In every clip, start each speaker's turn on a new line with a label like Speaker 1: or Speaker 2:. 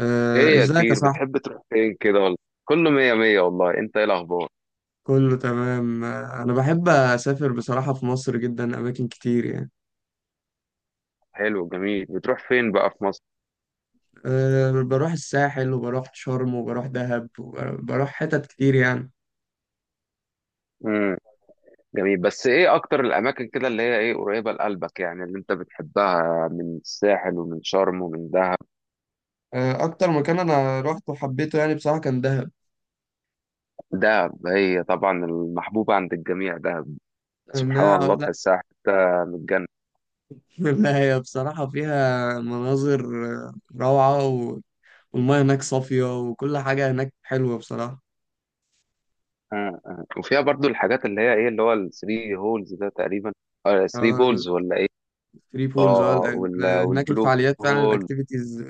Speaker 1: آه،
Speaker 2: ايه يا
Speaker 1: ازيك يا
Speaker 2: كبير،
Speaker 1: صاحبي.
Speaker 2: بتحب تروح فين كده ولا. كله مية مية والله. انت ايه الاخبار؟
Speaker 1: كله تمام. انا بحب اسافر بصراحة، في مصر جدا اماكن كتير يعني.
Speaker 2: حلو جميل، بتروح فين بقى في مصر؟
Speaker 1: بروح الساحل وبروح شرم وبروح دهب وبروح حتت كتير يعني.
Speaker 2: امم جميل، بس ايه اكتر الاماكن كده اللي هي ايه قريبة لقلبك، يعني اللي انت بتحبها من الساحل ومن شرم ومن دهب؟
Speaker 1: اكتر مكان انا روحته وحبيته يعني بصراحة كان دهب.
Speaker 2: دهب هي طبعا المحبوبة عند الجميع. دهب سبحان
Speaker 1: انها
Speaker 2: الله
Speaker 1: لا
Speaker 2: تحسها حتة من الجنة.
Speaker 1: لا، هي بصراحة فيها مناظر آه، روعة والمياه هناك صافية وكل حاجة هناك حلوة بصراحة.
Speaker 2: أمم، أمم. وفيها برضو الحاجات اللي هي ايه، اللي هو الثري هولز ده تقريبا. اه ثري
Speaker 1: آه،
Speaker 2: بولز ولا ايه.
Speaker 1: الثري بولز
Speaker 2: اه
Speaker 1: هناك،
Speaker 2: والبلو
Speaker 1: الفعاليات فعلا
Speaker 2: هول.
Speaker 1: الاكتيفيتيز.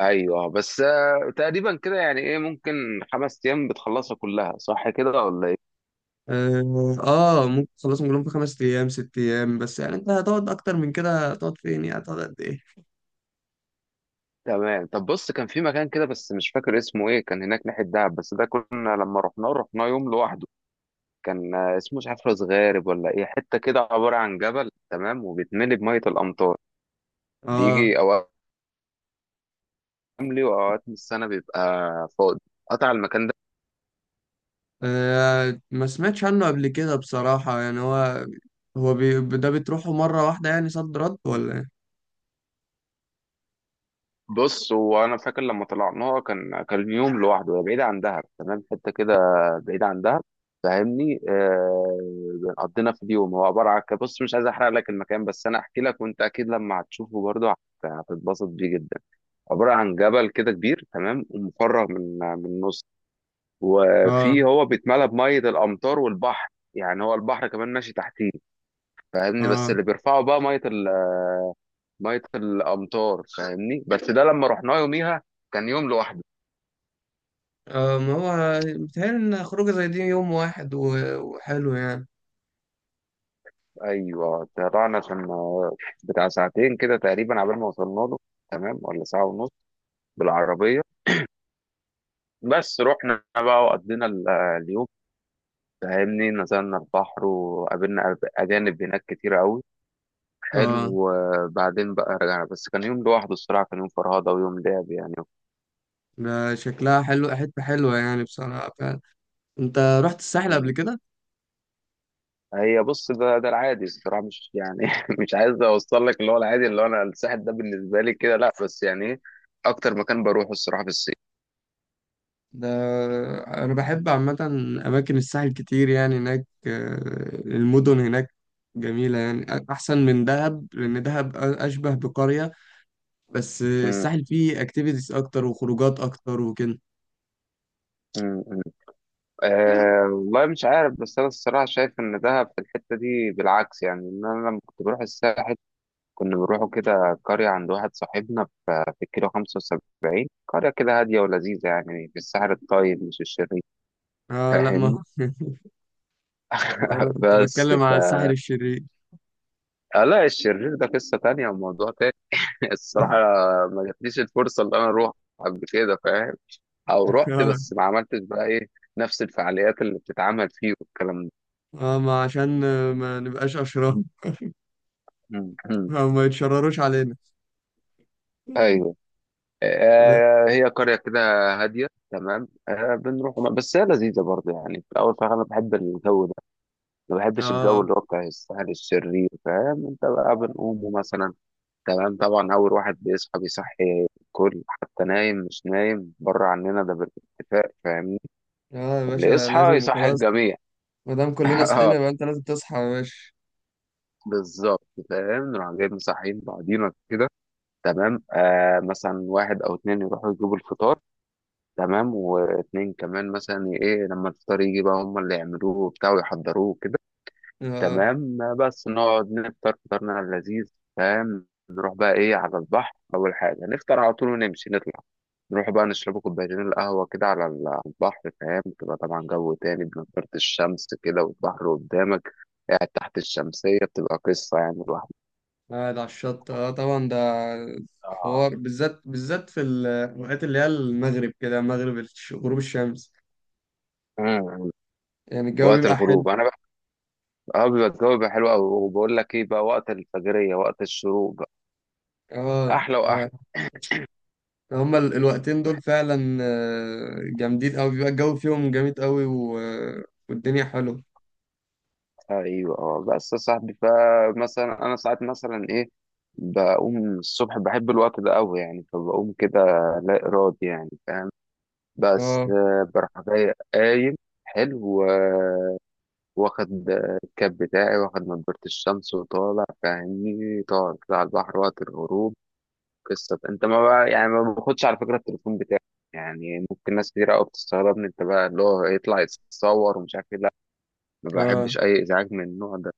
Speaker 2: ايوه بس تقريبا كده يعني ايه، ممكن خمس ايام بتخلصها كلها، صح كده ولا ايه؟
Speaker 1: ممكن تخلصهم كلهم في 5 ايام 6 ايام، بس يعني انت هتقعد اكتر من كده؟ هتقعد فين يعني؟ هتقعد قد ايه؟
Speaker 2: تمام. طب بص، كان في مكان كده بس مش فاكر اسمه ايه، كان هناك ناحيه دهب، بس ده كنا لما رحناه يوم لوحده. كان اسمه مش عارف، راس غارب ولا ايه، حته كده عباره عن جبل تمام، وبيتملي بميه الامطار.
Speaker 1: اه
Speaker 2: بيجي اوقات حملي، واوقات من السنه بيبقى فاضي قطع، المكان ده.
Speaker 1: ما سمعتش عنه قبل كده بصراحة، يعني هو ده بتروحه مرة واحدة يعني، صد رد ولا ايه؟
Speaker 2: بص، هو انا فاكر لما طلعناها كان يوم لوحده. هي بعيد عن دهب، تمام، حته كده بعيد عن دهب، فاهمني. آه قضينا في اليوم، هو عباره عن بص مش عايز احرق لك المكان، بس انا احكي لك، وانت اكيد لما هتشوفه برضه هتتبسط بيه جدا. عباره عن جبل كده كبير تمام، ومفرغ من النص. وفي،
Speaker 1: اه
Speaker 2: هو بيتملى بميه الامطار والبحر. يعني هو البحر كمان ماشي تحتيه، فاهمني. بس
Speaker 1: اه
Speaker 2: اللي بيرفعه بقى ميه ميه الامطار، فاهمني. بس ده لما رحناه يوميها، كان يوم لوحده.
Speaker 1: اه ما هو بيتهيألي ان خروجة زي دي يوم واحد وحلو يعني.
Speaker 2: ايوه، طلعنا، كان بتاع ساعتين كده تقريبا عبال ما وصلنا له، تمام، ولا ساعه ونص بالعربيه. بس رحنا بقى، وقضينا اليوم، فاهمني. نزلنا البحر، وقابلنا اجانب هناك كتير قوي، حلو.
Speaker 1: اه
Speaker 2: وبعدين بقى رجعنا، بس كان يوم لوحده الصراحه، كان يوم فرهده ويوم لعب يعني.
Speaker 1: ده شكلها حلو، حتة حلوة يعني بصراحة فعلا. انت رحت الساحل قبل كده؟
Speaker 2: هي بص، ده العادي الصراحه، مش يعني مش عايز اوصل لك اللي هو العادي، اللي هو انا الساحل ده بالنسبه لي كده لا، بس يعني ايه اكتر مكان بروحه الصراحه في الصيف.
Speaker 1: ده أنا بحب عامة أماكن الساحل كتير، يعني هناك المدن هناك جميلة يعني، أحسن من دهب لأن دهب أشبه بقرية، بس الساحل فيه أكتيفيتيز أكتر وخروجات أكتر وكده.
Speaker 2: مم. أه والله مش عارف، بس أنا الصراحة شايف إن دهب في الحتة دي بالعكس، يعني إن أنا لما كنت بروح الساحل كنا بنروحوا كده قرية عند واحد صاحبنا في الكيلو 75، قرية كده هادية ولذيذة يعني، في الساحل الطيب مش الشرير،
Speaker 1: آه لا
Speaker 2: فاهمني.
Speaker 1: ما أنا كنت
Speaker 2: بس
Speaker 1: بتكلم
Speaker 2: ف،
Speaker 1: على الساحل الشرير.
Speaker 2: آه لا، الشرير ده قصة تانية وموضوع تاني. الصراحة ما جاتليش الفرصة اللي أنا أروح قبل كده، فاهم، أو رحت
Speaker 1: آه
Speaker 2: بس ما عملتش بقى إيه، نفس الفعاليات اللي بتتعمل فيه والكلام ده.
Speaker 1: ما عشان ما نبقاش أشرار. ما يتشرروش علينا.
Speaker 2: أيوه.
Speaker 1: لا.
Speaker 2: هي قرية كده هادية تمام، بنروح بس هي لذيذة برضه يعني في الأول، فأنا بحب الجو ده، ما بحبش الجو
Speaker 1: آه
Speaker 2: اللي هو بتاع السهل الشرير، فاهم أنت بقى. بنقوم مثلا تمام، طبعا أول واحد بيصحى بيصحي الكل، حتى نايم مش نايم، بره عننا ده بالاتفاق، فاهمني.
Speaker 1: يا
Speaker 2: اللي
Speaker 1: باشا
Speaker 2: يصحى
Speaker 1: لازم،
Speaker 2: يصحي
Speaker 1: خلاص.
Speaker 2: الجميع.
Speaker 1: ما دام كلنا صحينا يبقى أنت لازم تصحى يا باشا.
Speaker 2: بالظبط، فاهم. نروح جايين مصحيين بعضينا كده تمام. آه مثلا واحد أو اتنين يروحوا يجيبوا الفطار، تمام، واتنين كمان مثلا ايه، لما الفطار يجي بقى هم اللي يعملوه وبتاع، ويحضروه كده
Speaker 1: آه.
Speaker 2: تمام. بس نقعد نفطر فطارنا اللذيذ، فاهم. نروح بقى ايه على البحر، اول حاجه نفطر على طول، ونمشي نطلع، نروح بقى نشرب كوبايتين القهوه كده على على البحر، فاهم. تبقى طبعا جو تاني، بنضارة الشمس كده والبحر قدامك، قاعد تحت الشمسية، بتبقى قصة يعني الواحد.
Speaker 1: قاعد على الشط، اه طبعا، ده
Speaker 2: اه.
Speaker 1: حوار بالذات، بالذات في الوقت اللي هي المغرب، كده مغرب غروب الشمس،
Speaker 2: مم.
Speaker 1: يعني الجو
Speaker 2: وقت
Speaker 1: بيبقى
Speaker 2: الغروب
Speaker 1: حلو.
Speaker 2: انا بقى، اه بيبقى الجو بيبقى حلو قوي. وبقول لك ايه بقى، وقت الفجرية وقت الشروق،
Speaker 1: اه
Speaker 2: احلى
Speaker 1: آه،
Speaker 2: واحلى.
Speaker 1: هما الوقتين دول فعلا جامدين قوي، بيبقى الجو فيهم جامد قوي والدنيا حلوه.
Speaker 2: بحسها، ايوه اه. بس يا صاحبي، فمثلا انا ساعات مثلا ايه، بقوم الصبح، بحب الوقت ده قوي يعني، فبقوم كده لا ارادي يعني، فاهم. بس
Speaker 1: اه
Speaker 2: بروح جاي قايم، حلو، واخد الكاب بتاعي، واخد نضارة الشمس وطالع، فاهمني، طالع كده على البحر وقت الغروب، قصة. انت ما بقى يعني، ما باخدش على فكرة التليفون بتاعي. يعني ممكن ناس كتير قوي بتستغربني، انت بقى اللي هو يطلع يتصور ومش عارف ايه. ما
Speaker 1: اه
Speaker 2: بحبش أي إزعاج من النوع ده.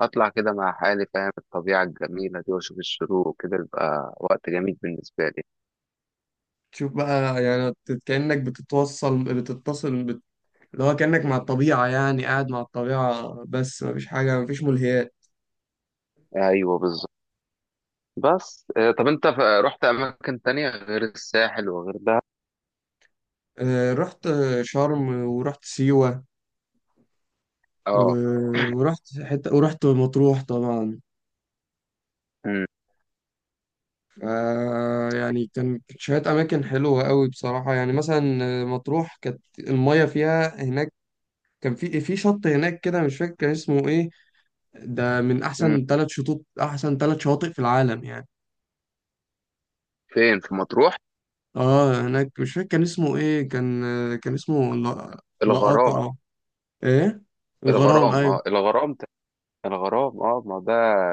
Speaker 2: أطلع كده مع حالي، فاهم، الطبيعة الجميلة دي، وأشوف الشروق وكده، يبقى وقت جميل بالنسبة لي.
Speaker 1: تشوف بقى يعني، بت- كأنك بتتوصل بتتصل بت... اللي هو كأنك مع الطبيعة يعني، قاعد مع الطبيعة بس مفيش حاجة، مفيش ملهيات.
Speaker 2: أيوه بالظبط. بس طب أنت رحت أماكن تانية غير الساحل وغير ده؟
Speaker 1: رحت شرم ورحت سيوة
Speaker 2: أه.
Speaker 1: ورحت حتة ورحت مطروح طبعا.
Speaker 2: مم.
Speaker 1: آه، يعني كانت شوية أماكن حلوة قوي بصراحة، يعني مثلا مطروح كانت المية فيها هناك، كان في شط هناك كده مش فاكر كان اسمه ايه، ده من
Speaker 2: مم.
Speaker 1: أحسن 3 شطوط، أحسن 3 شواطئ في العالم يعني.
Speaker 2: فين في مطروح؟
Speaker 1: اه هناك مش فاكر كان اسمه ايه، كان كان اسمه، لا،
Speaker 2: الغرام.
Speaker 1: لقاقع، ايه، الغرام،
Speaker 2: الغرام،
Speaker 1: ايوه.
Speaker 2: أه الغرام الغرام، أه ما ده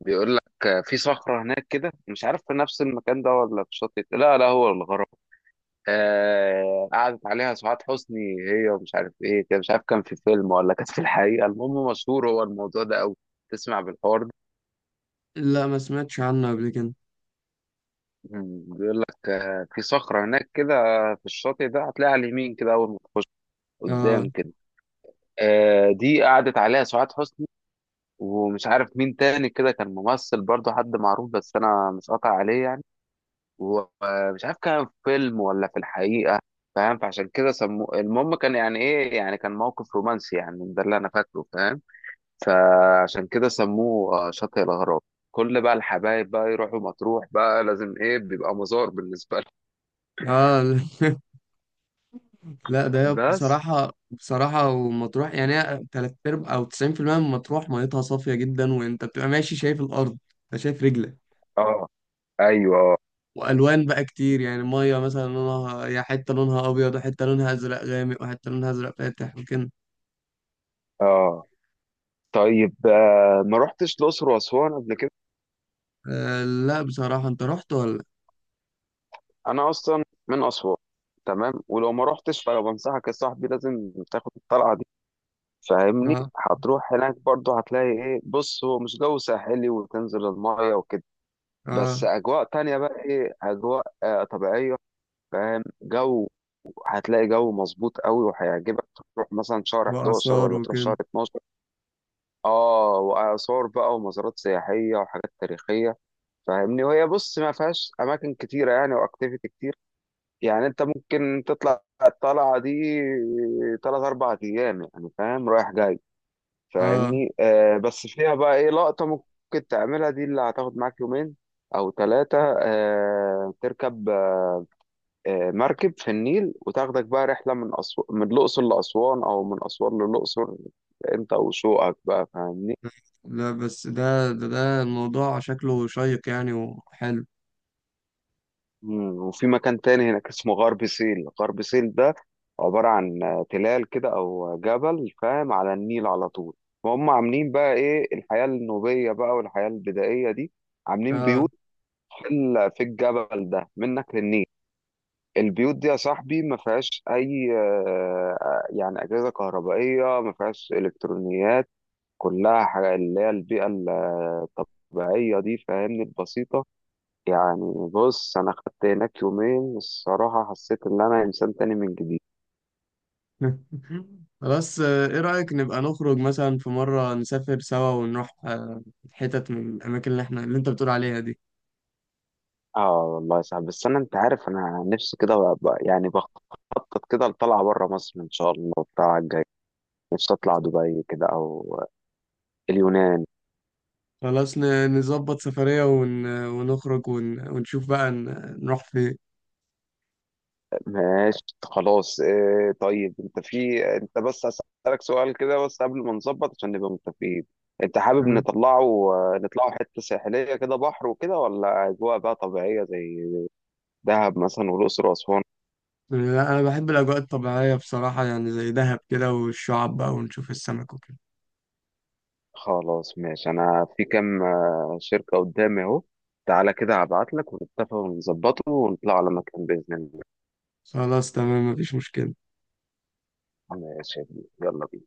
Speaker 2: بيقول لك في صخرة هناك كده، مش عارف في نفس المكان ده ولا في شاطئ، لا هو الغرام، آه قعدت عليها سعاد حسني هي، ومش عارف ايه، كان مش عارف كان في فيلم ولا كانت في الحقيقه، المهم مشهور هو الموضوع ده قوي، تسمع بالحوار ده؟
Speaker 1: لا، ما سمعتش عنه قبل كده.
Speaker 2: مم، بيقول لك آه في صخره هناك كده في الشاطئ ده، هتلاقيها على اليمين كده اول ما تخش،
Speaker 1: اه
Speaker 2: قدام كده، آه دي قعدت عليها سعاد حسني، ومش عارف مين تاني كده، كان ممثل برضه حد معروف بس انا مش قاطع عليه يعني، ومش عارف كان في فيلم ولا في الحقيقة، فاهم. فعشان كده سموه، المهم كان يعني ايه، يعني كان موقف رومانسي يعني، ده اللي انا فاكره، فاهم. فعشان كده سموه شاطئ الاغراب. كل بقى الحبايب بقى يروحوا مطروح بقى لازم ايه، بيبقى مزار بالنسبة
Speaker 1: اه لا، ده
Speaker 2: لهم.
Speaker 1: هي
Speaker 2: بس
Speaker 1: بصراحة بصراحة، ومطروح يعني هي تلات أرباع أو 90% من مطروح ميتها صافية جدا، وأنت بتبقى ماشي شايف الأرض، أنت شايف رجلك،
Speaker 2: اه، ايوه اه.
Speaker 1: وألوان بقى كتير يعني، مية مثلا لونها، يا حتة لونها أبيض وحتة لونها أزرق غامق وحتة لونها أزرق فاتح وكده.
Speaker 2: آه. طيب ما رحتش الاقصر واسوان قبل كده؟
Speaker 1: آه لا، بصراحة أنت رحت ولا؟
Speaker 2: انا اصلا من اسوان، تمام، ولو ما رحتش فانا بنصحك يا صاحبي، لازم تاخد الطلعة دي، فاهمني.
Speaker 1: آه
Speaker 2: هتروح هناك برضه، هتلاقي ايه، بص هو مش جو ساحلي وتنزل المايه وكده، بس
Speaker 1: آه،
Speaker 2: اجواء تانية بقى ايه، اجواء آه طبيعية، فاهم. جو، هتلاقي جو مظبوط قوي وهيعجبك. تروح مثلا شهر 11
Speaker 1: وآثار
Speaker 2: ولا تروح
Speaker 1: وكده.
Speaker 2: شهر 12. اه، واثار بقى، ومزارات سياحية وحاجات تاريخية، فاهمني. وهي بص ما فيهاش اماكن كتيرة يعني واكتيفيتي كتير، يعني انت ممكن تطلع الطلعة دي تلات اربع ايام يعني، فاهم، رايح جاي،
Speaker 1: آه
Speaker 2: فاهمني. بس فيها بقى ايه لقطة ممكن تعملها دي، اللي هتاخد معاك يومين او ثلاثة، آه تركب مركب في النيل، وتاخدك بقى رحلة من من الأقصر لأسوان، او من أسوان للأقصر، انت وشوقك بقى، فاهمني.
Speaker 1: لا بس ده الموضوع شكله شيق يعني وحلو.
Speaker 2: مم. وفي مكان تاني هناك اسمه غرب سهيل. غرب سهيل ده عبارة عن تلال كده او جبل، فاهم، على النيل على طول، وهم عاملين بقى ايه الحياة النوبية بقى، والحياة البدائية دي، عاملين
Speaker 1: آه
Speaker 2: بيوت اللي في الجبل ده منك للنيل. البيوت دي يا صاحبي ما فيهاش اي يعني اجهزه كهربائيه، ما فيهاش الكترونيات، كلها حاجه اللي هي البيئه الطبيعيه دي، فاهمني، البسيطه. يعني بص، انا خدت هناك يومين الصراحه، حسيت ان انا انسان تاني من جديد.
Speaker 1: خلاص، ايه رأيك نبقى نخرج مثلا في مرة نسافر سوا ونروح حتت من الأماكن اللي احنا اللي انت بتقول عليها دي.
Speaker 2: اه والله صعب، بس انا انت عارف انا نفسي كده بقى يعني بخطط كده لطلعه بره مصر ان شاء الله بتاع الجاي، نفسي اطلع دبي كده او اليونان.
Speaker 1: خلاص نظبط سفرية ونخرج ونشوف بقى نروح فين.
Speaker 2: ماشي خلاص اه. طيب انت في انت بس هسألك سؤال كده، بس قبل ما نظبط، عشان نبقى متفقين، انت حابب
Speaker 1: تمام؟
Speaker 2: نطلعه نطلعه حتة ساحلية كده، بحر وكده، ولا أجواء بقى طبيعية زي دهب مثلا والأقصر وأسوان؟
Speaker 1: لا أنا بحب الأجواء الطبيعية بصراحة يعني، زي دهب كده، والشعاب بقى ونشوف السمك وكده.
Speaker 2: خلاص ماشي، أنا في كام شركة قدامي أهو، تعالى كده هبعت لك، ونتفق ونظبطه، ونطلع على مكان بإذن الله.
Speaker 1: خلاص تمام، مفيش مشكلة.
Speaker 2: ماشي يا كبير. يلا بينا.